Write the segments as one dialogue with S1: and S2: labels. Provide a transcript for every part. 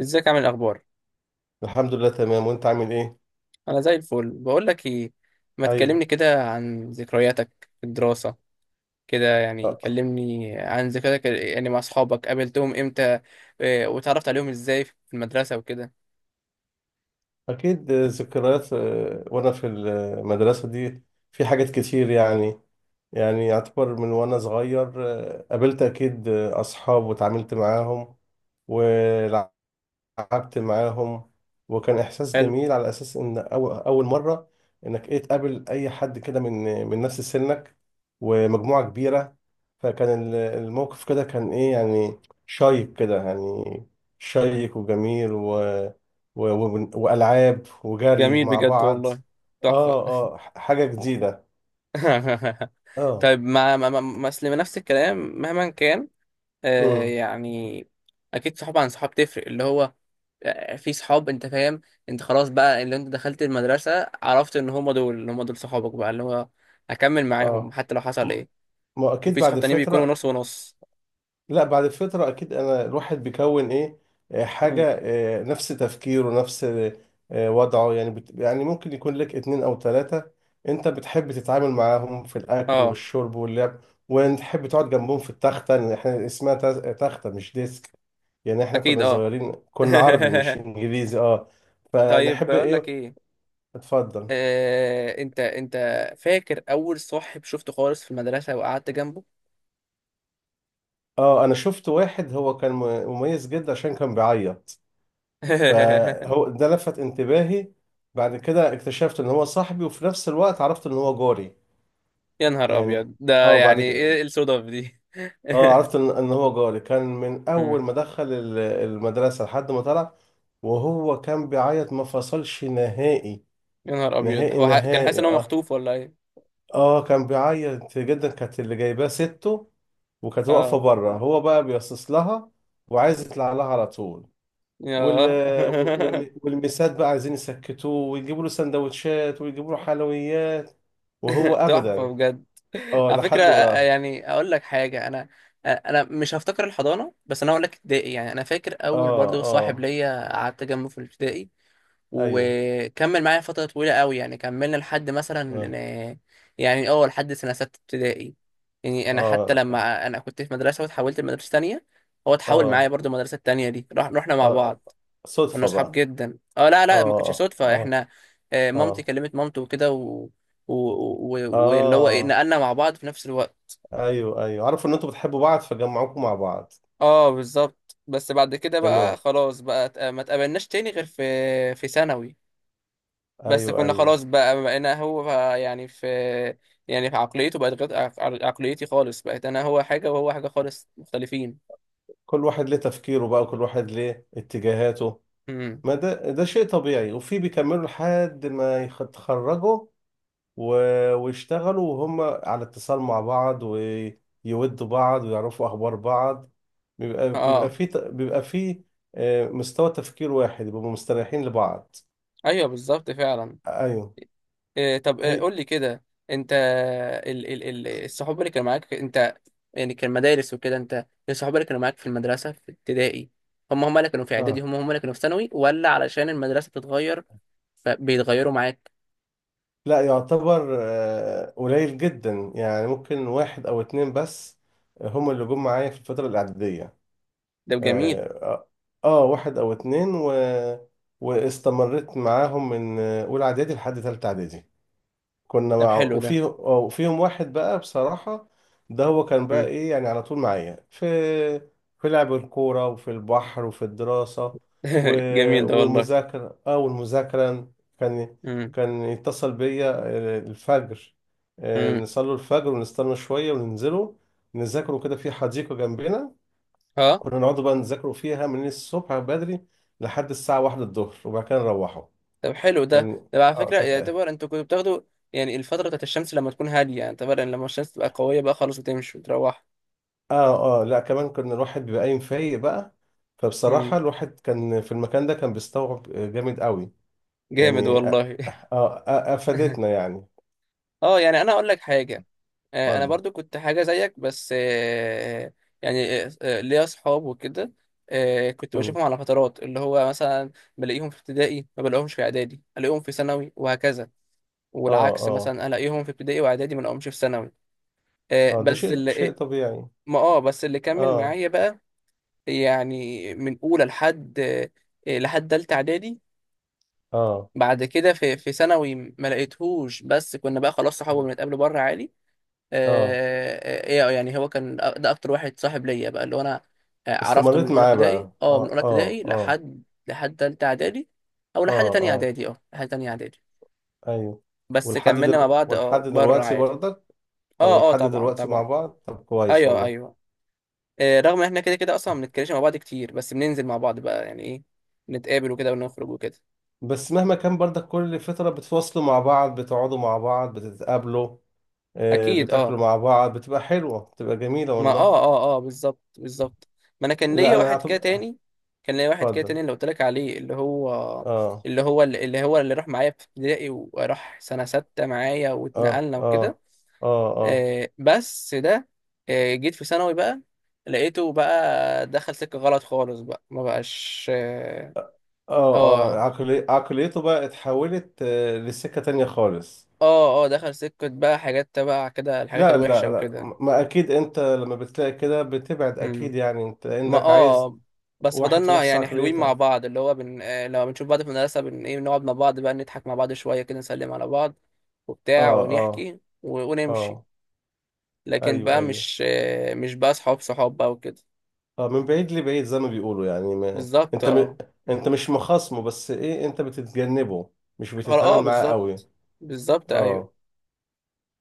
S1: ازيك، عامل إيه، الاخبار؟
S2: الحمد لله، تمام. وانت عامل ايه؟
S1: انا زي الفل. بقول لك ايه، ما تكلمني
S2: ايوه.
S1: كده عن ذكرياتك في الدراسه، كده يعني
S2: آه.
S1: كلمني عن ذكرياتك، يعني مع اصحابك قابلتهم امتى؟ وتعرفت عليهم ازاي في المدرسه وكده؟
S2: اكيد آه، ذكريات آه، وانا في المدرسه دي في حاجات كتير. يعني يعتبر من وانا صغير آه، قابلت اكيد آه، اصحاب وتعاملت معاهم، قعدت معاهم. وكان احساس
S1: حلو.
S2: جميل على اساس ان اول مره انك ايه تقابل اي حد كده من نفس سنك، ومجموعه كبيره. فكان الموقف كده كان ايه، يعني شيق كده، يعني شيق وجميل، والعاب وجري
S1: جميل
S2: مع
S1: بجد
S2: بعض.
S1: والله، تحفه.
S2: اه اه، حاجه جديده. اه.
S1: طيب، أصل نفس الكلام مهما كان.
S2: امم
S1: يعني. اكيد، صحاب عن صحاب تفرق اللي هو. في صحاب، انت فاهم؟ انت خلاص بقى، اللي انت دخلت المدرسة، عرفت ان هم دول اللي هم دول صحابك بقى اللي هو هكمل معاهم
S2: اه.
S1: حتى لو حصل
S2: ما
S1: ايه.
S2: ما اكيد
S1: وفي صحاب
S2: بعد
S1: تانيين بيكونوا
S2: فتره.
S1: نص ونص.
S2: لا بعد فترة، أكيد أنا الواحد بيكون إيه آه،
S1: مم.
S2: حاجة آه، نفس تفكيره، نفس آه، وضعه. يعني يعني ممكن يكون لك اتنين أو تلاتة أنت بتحب تتعامل معاهم في الأكل
S1: اه،
S2: والشرب واللعب، وتحب تقعد جنبهم في التختة. يعني إحنا اسمها تختة، مش ديسك. يعني إحنا
S1: اكيد،
S2: كنا
S1: اه.
S2: صغيرين، كنا عربي مش إنجليزي أه،
S1: طيب،
S2: فنحب
S1: بقول لك
S2: إيه.
S1: ايه.
S2: اتفضل.
S1: انت فاكر اول صاحب شفته خالص في المدرسة وقعدت جنبه؟
S2: أه أنا شفت واحد هو كان مميز جدا عشان كان بيعيط، فهو ده لفت انتباهي. بعد كده اكتشفت ان هو صاحبي، وفي نفس الوقت عرفت ان هو جاري.
S1: يا نهار
S2: يعني
S1: ابيض، ده
S2: اه بعد
S1: يعني
S2: كده
S1: ايه الصدف دي؟
S2: اه عرفت ان هو جاري كان من اول
S1: مم.
S2: ما دخل المدرسة لحد ما طلع. وهو كان بيعيط، ما فصلش نهائي،
S1: يا نهار ابيض،
S2: نهائي
S1: هو كان حاسس
S2: نهائي.
S1: ان هو
S2: اه
S1: مخطوف ولا ايه؟
S2: اه كان بيعيط جدا، كانت اللي جايباه سته وكانت واقفة
S1: اه.
S2: بره، هو بقى بيصص لها وعايز يطلع لها على طول. وال
S1: ياه.
S2: والمسات بقى عايزين يسكتوه ويجيبوا له سندوتشات ويجيبوا له حلويات، وهو ابدا.
S1: تحفه بجد.
S2: اه
S1: على فكره،
S2: لحد ما.
S1: يعني اقول لك حاجه، انا انا مش هفتكر الحضانه، بس انا اقول لك ابتدائي. يعني انا فاكر اول
S2: اه
S1: برضو صاحب
S2: اه
S1: ليا قعدت جنبه في الابتدائي،
S2: ايوه.
S1: وكمل معايا فتره طويله قوي، يعني كملنا لحد مثلا
S2: اه
S1: آه، يعني لحد سنه 6 ابتدائي. يعني انا حتى
S2: اه
S1: لما انا كنت في مدرسه واتحولت لمدرسه تانية، هو اتحول معايا
S2: اه
S1: برضو، المدرسه التانية دي رحنا مع
S2: اه
S1: بعض. كنا
S2: صدفة
S1: اصحاب
S2: بقى.
S1: جدا. اه، لا، لا، ما كانتش
S2: اه
S1: صدفه،
S2: اه
S1: احنا مامتي
S2: اه
S1: كلمت مامته وكده و... واللي هو، ايه،
S2: اه
S1: نقلنا مع بعض في نفس الوقت.
S2: ايوه ايوه، عارفوا ان انتوا بتحبوا بعض فجمعوكم مع بعض.
S1: اه، بالظبط. بس بعد كده بقى
S2: تمام.
S1: خلاص بقى، ما اتقابلناش تاني غير في ثانوي. بس
S2: ايوه
S1: كنا
S2: ايوه،
S1: خلاص بقى، بقينا هو يعني في، يعني في عقليته، بقت غير عقليتي خالص، بقيت انا هو حاجه وهو حاجه خالص، مختلفين.
S2: كل واحد ليه تفكيره بقى، وكل واحد ليه اتجاهاته.
S1: امم.
S2: ما ده شيء طبيعي. وفي بيكملوا لحد ما يتخرجوا ويشتغلوا، وهم على اتصال مع بعض، ويودوا بعض ويعرفوا أخبار بعض.
S1: اه.
S2: بيبقى في آه، مستوى تفكير واحد، بيبقوا مستريحين لبعض.
S1: ايوه، بالظبط فعلا.
S2: أيوه.
S1: إيه؟ طب إيه؟
S2: هي
S1: قول لي كده، انت. ال ال ال الصحاب اللي كانوا معاك، انت يعني كان مدارس وكده، انت الصحاب اللي كانوا معاك في المدرسة في ابتدائي، هم هم اللي كانوا في اعدادي،
S2: آه
S1: هم هم اللي كانوا في ثانوي، ولا علشان المدرسة بتتغير فبيتغيروا معاك؟
S2: لا، يعتبر آه، قليل جدا، يعني ممكن واحد أو اتنين بس هم اللي جم معايا في الفترة الإعدادية.
S1: ده جميل.
S2: آه آه آه، واحد أو اتنين واستمريت معاهم من آه، أولى إعدادي لحد تالتة إعدادي. كنا
S1: ده
S2: مع
S1: حلو ده.
S2: وفيهم واحد بقى بصراحة، ده هو كان بقى
S1: مم.
S2: ايه، يعني على طول معايا في لعب الكورة وفي البحر وفي الدراسة و...
S1: جميل ده والله.
S2: والمذاكرة اه والمذاكرة. كان
S1: مم.
S2: كان يتصل بيا آه، الفجر، آه،
S1: مم.
S2: نصلي الفجر ونستنى شوية وننزله، نذاكروا كده في حديقة جنبنا.
S1: اه.
S2: كنا نقعد بقى نذاكروا فيها من الصبح بدري لحد الساعة واحدة الظهر، وبعد كده نروحوا.
S1: طب حلو ده.
S2: كان
S1: طب على
S2: اه
S1: فكرة،
S2: كانت،
S1: يعتبر انتوا كنتوا بتاخدوا يعني الفترة بتاعت الشمس لما تكون هادية؟ يعني طبعا لما الشمس تبقى قوية بقى خلاص وتمشي وتروح.
S2: اه اه لا كمان كان الواحد بيبقى قايم فايق بقى، فبصراحة
S1: مم.
S2: الواحد كان في المكان ده كان بيستوعب جامد قوي.
S1: جامد
S2: يعني اه
S1: والله.
S2: آه، آه، افادتنا يعني.
S1: اه، يعني انا اقول لك حاجه انا
S2: اتفضل.
S1: برضو كنت حاجه زيك، بس يعني، ليا اصحاب وكده. كنت
S2: مم.
S1: بشوفهم على فترات، اللي هو مثلا بلاقيهم في ابتدائي، ما بلاقيهمش في اعدادي، الاقيهم في ثانوي، وهكذا.
S2: اه
S1: والعكس،
S2: اه
S1: مثلا الاقيهم في ابتدائي واعدادي، ما الاقيهمش في ثانوي. آه،
S2: اه ده
S1: بس
S2: شيء
S1: اللي
S2: شيء
S1: آه،
S2: طبيعي.
S1: ما اه بس اللي كمل
S2: اه
S1: معايا بقى، يعني من اولى لحد لحد تالتة اعدادي.
S2: اه
S1: بعد كده في ثانوي ما لقيتهوش، بس كنا بقى خلاص صحاب، بنتقابل بره عادي.
S2: اه
S1: ايه يعني، هو كان ده اكتر واحد صاحب ليا بقى، اللي هو انا عرفته من
S2: استمريت
S1: اولى
S2: معاه
S1: ابتدائي.
S2: بقى،
S1: اه من
S2: اه
S1: اولى
S2: اه
S1: ابتدائي
S2: اه
S1: لحد تالتة اعدادي. او
S2: اه اه
S1: لحد تانية اعدادي.
S2: ايوه.
S1: بس كملنا مع بعض،
S2: ولحد
S1: اه، بره
S2: دلوقتي
S1: عادي.
S2: برضك. اه،
S1: اه، اه،
S2: ولحد
S1: طبعا
S2: دلوقتي مع
S1: طبعا.
S2: بعض، طب كويس
S1: ايوه،
S2: والله.
S1: ايوه. رغم ان احنا كده كده اصلا ما بنتكلمش مع بعض كتير، بس بننزل مع بعض بقى، يعني ايه، نتقابل وكده ونخرج وكده.
S2: بس مهما كان برضك، كل فترة بتفصلوا مع بعض، بتقعدوا مع بعض، بتتقابلوا آه،
S1: اكيد،
S2: بتاكلوا
S1: اه.
S2: مع بعض، بتبقى حلوة، بتبقى جميلة
S1: ما
S2: والله.
S1: بالظبط بالظبط. ما انا
S2: لا أنا أعتبر.
S1: كان ليا واحد كده
S2: اتفضل.
S1: تاني، اللي قلت لك عليه، اللي هو
S2: آه
S1: اللي هو اللي راح معايا في ابتدائي، وراح سنة 6 معايا
S2: آه
S1: واتنقلنا وكده.
S2: آه آه آه
S1: بس ده جيت في ثانوي بقى، لقيته بقى دخل سكة غلط خالص، بقى ما بقاش. اه.
S2: آه آه
S1: اه،
S2: عقليته بقى اتحولت آه، لسكة تانية خالص.
S1: اه. دخل سكة بقى حاجات تبع كده، الحاجات
S2: لا لا
S1: الوحشة
S2: لا،
S1: وكده.
S2: ما أكيد أنت لما بتلاقي كده بتبعد أكيد،
S1: مم.
S2: يعني أنت
S1: ما
S2: إنك عايز
S1: بس
S2: واحد في
S1: فضلنا
S2: نفس
S1: يعني حلوين مع
S2: عقليتك.
S1: بعض، اللي هو بن... آه، لما بنشوف بعض في المدرسة بن ايه بنقعد مع بعض بقى، نضحك مع بعض شوية كده، نسلم على بعض، وبتاع،
S2: آه آه
S1: ونحكي ونمشي.
S2: آه.
S1: لكن
S2: أيوه
S1: بقى
S2: أيوه.
S1: مش بقى صحاب صحاب بقى وكده.
S2: اه، من بعيد لبعيد زي ما بيقولوا يعني. ما
S1: بالظبط،
S2: انت م...
S1: اه،
S2: انت مش مخاصمه، بس ايه، انت بتتجنبه، مش
S1: اه.
S2: بتتعامل معاه قوي.
S1: بالظبط بالظبط. ايوه.
S2: اه.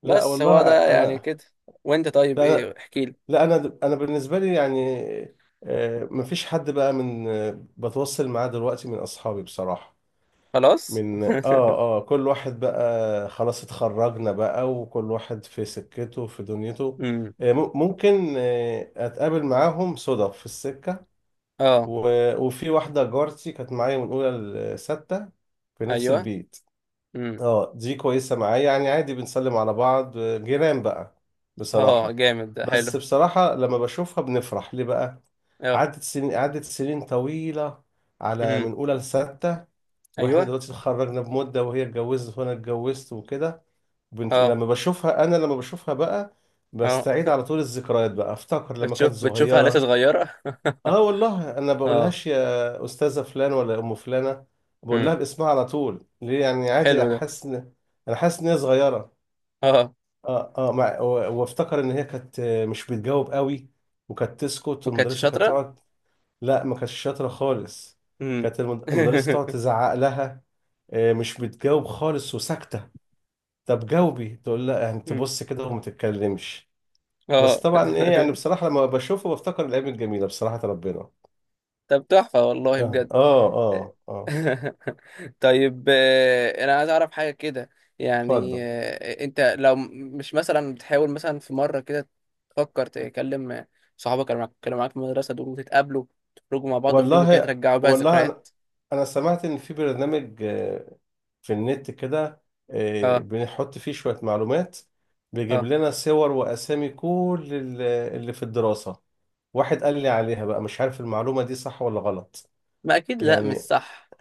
S2: لا
S1: بس
S2: والله
S1: هو ده يعني
S2: انا،
S1: كده. وانت طيب
S2: لا انا،
S1: ايه، احكي لي.
S2: لا انا بالنسبه لي، يعني آه مفيش حد بقى من آه، بتوصل معاه دلوقتي من اصحابي بصراحه.
S1: خلاص.
S2: من اه اه كل واحد بقى خلاص اتخرجنا بقى، وكل واحد في سكته في دنيته.
S1: امم.
S2: آه، ممكن آه، اتقابل معاهم صدف في السكه
S1: اه.
S2: و... وفي واحدة جارتي كانت معايا من أولى لستة، في نفس
S1: ايوه.
S2: البيت.
S1: امم.
S2: اه، دي كويسة معايا يعني، عادي بنسلم على بعض، جيران بقى
S1: اه،
S2: بصراحة.
S1: جامد ده حلو.
S2: بس بصراحة لما بشوفها بنفرح ليه بقى،
S1: اه.
S2: عدت سنين، عدت سنين طويلة، على من
S1: امم.
S2: أولى لستة. وإحنا
S1: ايوه.
S2: دلوقتي اتخرجنا بمدة، وهي اتجوزت وأنا اتجوزت وكده.
S1: اه،
S2: لما بشوفها، أنا لما بشوفها بقى
S1: اه.
S2: بستعيد على طول الذكريات بقى، أفتكر لما
S1: بتشوف
S2: كانت
S1: بتشوفها لسه
S2: صغيرة.
S1: صغيرة؟
S2: اه والله، انا
S1: اه.
S2: بقولهاش يا استاذه فلان ولا ام فلانه، بقول
S1: امم.
S2: لها باسمها على طول، ليه يعني؟ عادي،
S1: حلو ده.
S2: احس ان، انا حاسس ان هي صغيره.
S1: اه،
S2: اه اه وافتكر ان هي كانت مش بتجاوب قوي، وكانت تسكت
S1: وكانتش
S2: والمدرسه كانت
S1: شاطرة؟
S2: تقعد. لا، ما كانتش شاطره خالص.
S1: امم.
S2: كانت المدرسه تقعد تزعق لها، آه، مش بتجاوب خالص وساكته. طب جاوبي، تقول لا، يعني
S1: أمم.
S2: تبص كده وما تتكلمش.
S1: اه.
S2: بس طبعا ايه يعني، بصراحه لما بشوفه بفتكر الايام الجميله بصراحه، ربنا.
S1: طب تحفة والله
S2: اه
S1: بجد.
S2: اه اه اه.
S1: طيب، انا عايز اعرف حاجة كده. يعني
S2: اتفضل.
S1: انت لو مش مثلا بتحاول مثلا في مرة كده تفكر تكلم صحابك اللي كانوا معاك في المدرسة دول، وتتقابلوا تخرجوا مع بعض خروجة كده
S2: والله،
S1: ترجعوا بيها
S2: والله انا
S1: ذكريات.
S2: انا سمعت ان في برنامج آه، في النت كده آه،
S1: اه،
S2: بنحط فيه شوية معلومات، بيجيب
S1: اه.
S2: لنا صور واسامي كل اللي في الدراسة. واحد قال لي عليها بقى، مش عارف المعلومة دي صح ولا غلط.
S1: ما اكيد لا، مش
S2: يعني
S1: صح.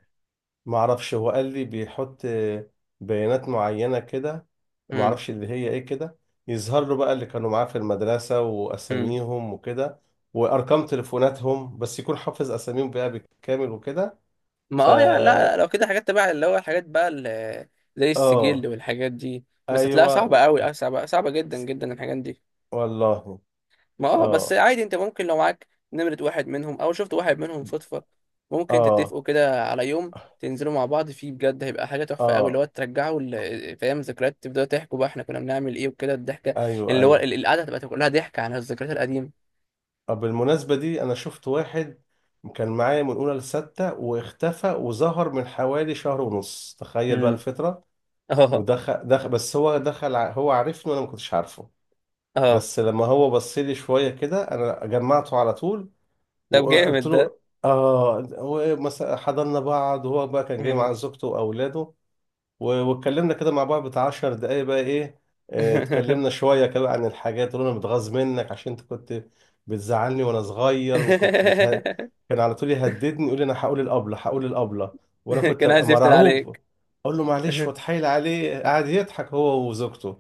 S2: ما اعرفش، هو قال لي بيحط بيانات معينة كده، ما اعرفش اللي هي ايه كده، يظهر له بقى اللي كانوا معاه في المدرسة
S1: امم.
S2: واساميهم وكده وارقام تليفوناتهم، بس يكون حافظ اساميهم بقى بالكامل وكده.
S1: ما يعني لا،
S2: فا
S1: لو كده حاجات تبع اللي هو، الحاجات بقى اللي زي السجل
S2: اه
S1: والحاجات دي، بس هتلاقيها
S2: ايوه
S1: صعبة قوي، صعبة، صعبة جدا جدا الحاجات دي.
S2: والله.
S1: ما بس
S2: اه
S1: عادي، انت ممكن لو معاك نمرة واحد منهم، او شفت واحد منهم صدفة، ممكن
S2: اه
S1: تتفقوا كده على يوم تنزلوا مع بعض فيه، بجد هيبقى حاجة تحفة قوي، اللي هو
S2: اه
S1: ترجعوا فاهم، ذكريات، تبدأوا تحكوا بقى احنا كنا بنعمل ايه وكده، الضحكة،
S2: ايوه
S1: اللي هو
S2: ايوه.
S1: القعدة هتبقى كلها ضحك عن الذكريات القديمة.
S2: آه، بالمناسبة دي انا شفت واحد كان معايا من اولى لستة، واختفى وظهر من حوالي شهر ونص. تخيل بقى
S1: امم.
S2: الفترة!
S1: اه،
S2: دخل، بس هو دخل هو عارفني وانا ما كنتش عارفه.
S1: اه.
S2: بس لما هو بص لي شويه كده انا جمعته على طول،
S1: طب
S2: وقلت
S1: جامد ده.
S2: له اه هو إيه، مثلا حضننا بعض، وهو بقى كان جاي
S1: مم.
S2: مع زوجته واولاده. واتكلمنا كده مع بعض بتاع 10 دقايق بقى ايه، آه، اتكلمنا شوية كده عن الحاجات اللي انا متغاظ منك عشان انت كنت بتزعلني وانا صغير، وكنت كان على طول يهددني، يقول لي انا هقول الابلة، هقول الابلة، وانا كنت
S1: كان
S2: ابقى
S1: عايز يفتن
S2: مرعوب،
S1: عليك.
S2: اقول له معلش واتحايل عليه، قعد يضحك هو وزوجته.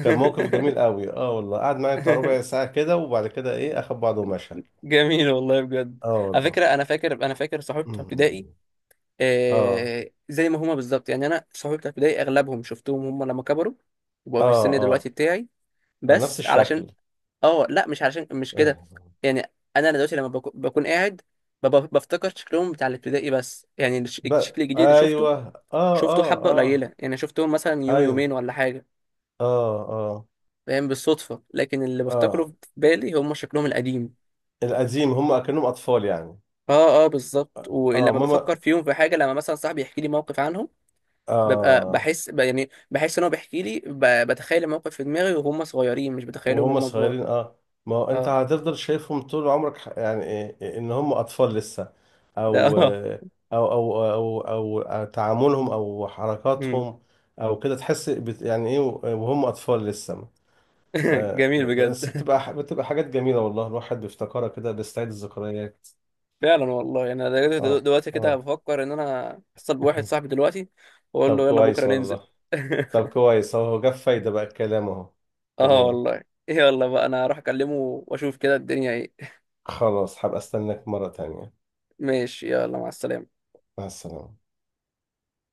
S2: كان موقف جميل قوي اه والله، قعد معايا بتاع ربع ساعة كده، وبعد كده ايه اخد بعضه ومشى.
S1: جميل والله بجد.
S2: اه
S1: على
S2: والله.
S1: فكرة، أنا فاكر صحابي بتوع ابتدائي،
S2: أمم. اه
S1: زي ما هما بالظبط. يعني أنا صحابي بتوع ابتدائي أغلبهم شفتهم، هما لما كبروا وبقوا
S2: اه
S1: في السن
S2: اه،
S1: دلوقتي بتاعي،
S2: آه، نفس
S1: بس علشان
S2: الشكل.
S1: لا، مش علشان، مش كده.
S2: اه
S1: يعني أنا دلوقتي لما بكون قاعد، بفتكر شكلهم بتاع الابتدائي، بس يعني
S2: ب...
S1: الشكل الجديد اللي شفته،
S2: ايوه. اه
S1: شفته
S2: اه
S1: حبة
S2: اه
S1: قليلة، يعني شفتهم مثلا يوم
S2: ايوه.
S1: يومين ولا حاجة،
S2: اه اه
S1: فاهم؟ بالصدفة. لكن اللي بفتكره
S2: اه
S1: في بالي، هم شكلهم القديم.
S2: القديم، هم كأنهم اطفال يعني.
S1: اه، اه، بالظبط.
S2: اه
S1: ولما
S2: ماما.
S1: بفكر فيهم في حاجة، لما مثلا صاحبي يحكي لي موقف عنهم، ببقى
S2: اه
S1: بحس يعني بحس ان هو بيحكي لي، بتخيل الموقف في دماغي وهم صغيرين، مش بتخيلهم
S2: وهم
S1: وهم كبار.
S2: صغيرين اه. ما هو انت
S1: اه.
S2: هتفضل شايفهم طول عمرك، يعني إيه ان هم اطفال لسه.
S1: ده اه.
S2: أو تعاملهم او
S1: مم.
S2: حركاتهم او كده، تحس يعني ايه، وهم اطفال لسه. آه،
S1: جميل بجد.
S2: بس بتبقى بتبقى حاجات جميلة والله، الواحد بيفتكرها كده، بيستعيد الذكريات.
S1: فعلا والله. يعني انا دلوقتي
S2: اه
S1: دلوقتي كده
S2: اه.
S1: بفكر ان انا اتصل بواحد صاحبي دلوقتي واقول
S2: طب
S1: له يلا بكرة
S2: كويس
S1: ننزل.
S2: والله. طب كويس، هو جاب فايدة بقى الكلام اهو.
S1: اه
S2: تمام.
S1: والله. يلا بقى، انا هروح اكلمه واشوف كده الدنيا ايه.
S2: خلاص هبقى استناك مرة تانية.
S1: ماشي، يلا، مع السلامة.
S2: مع السلامة.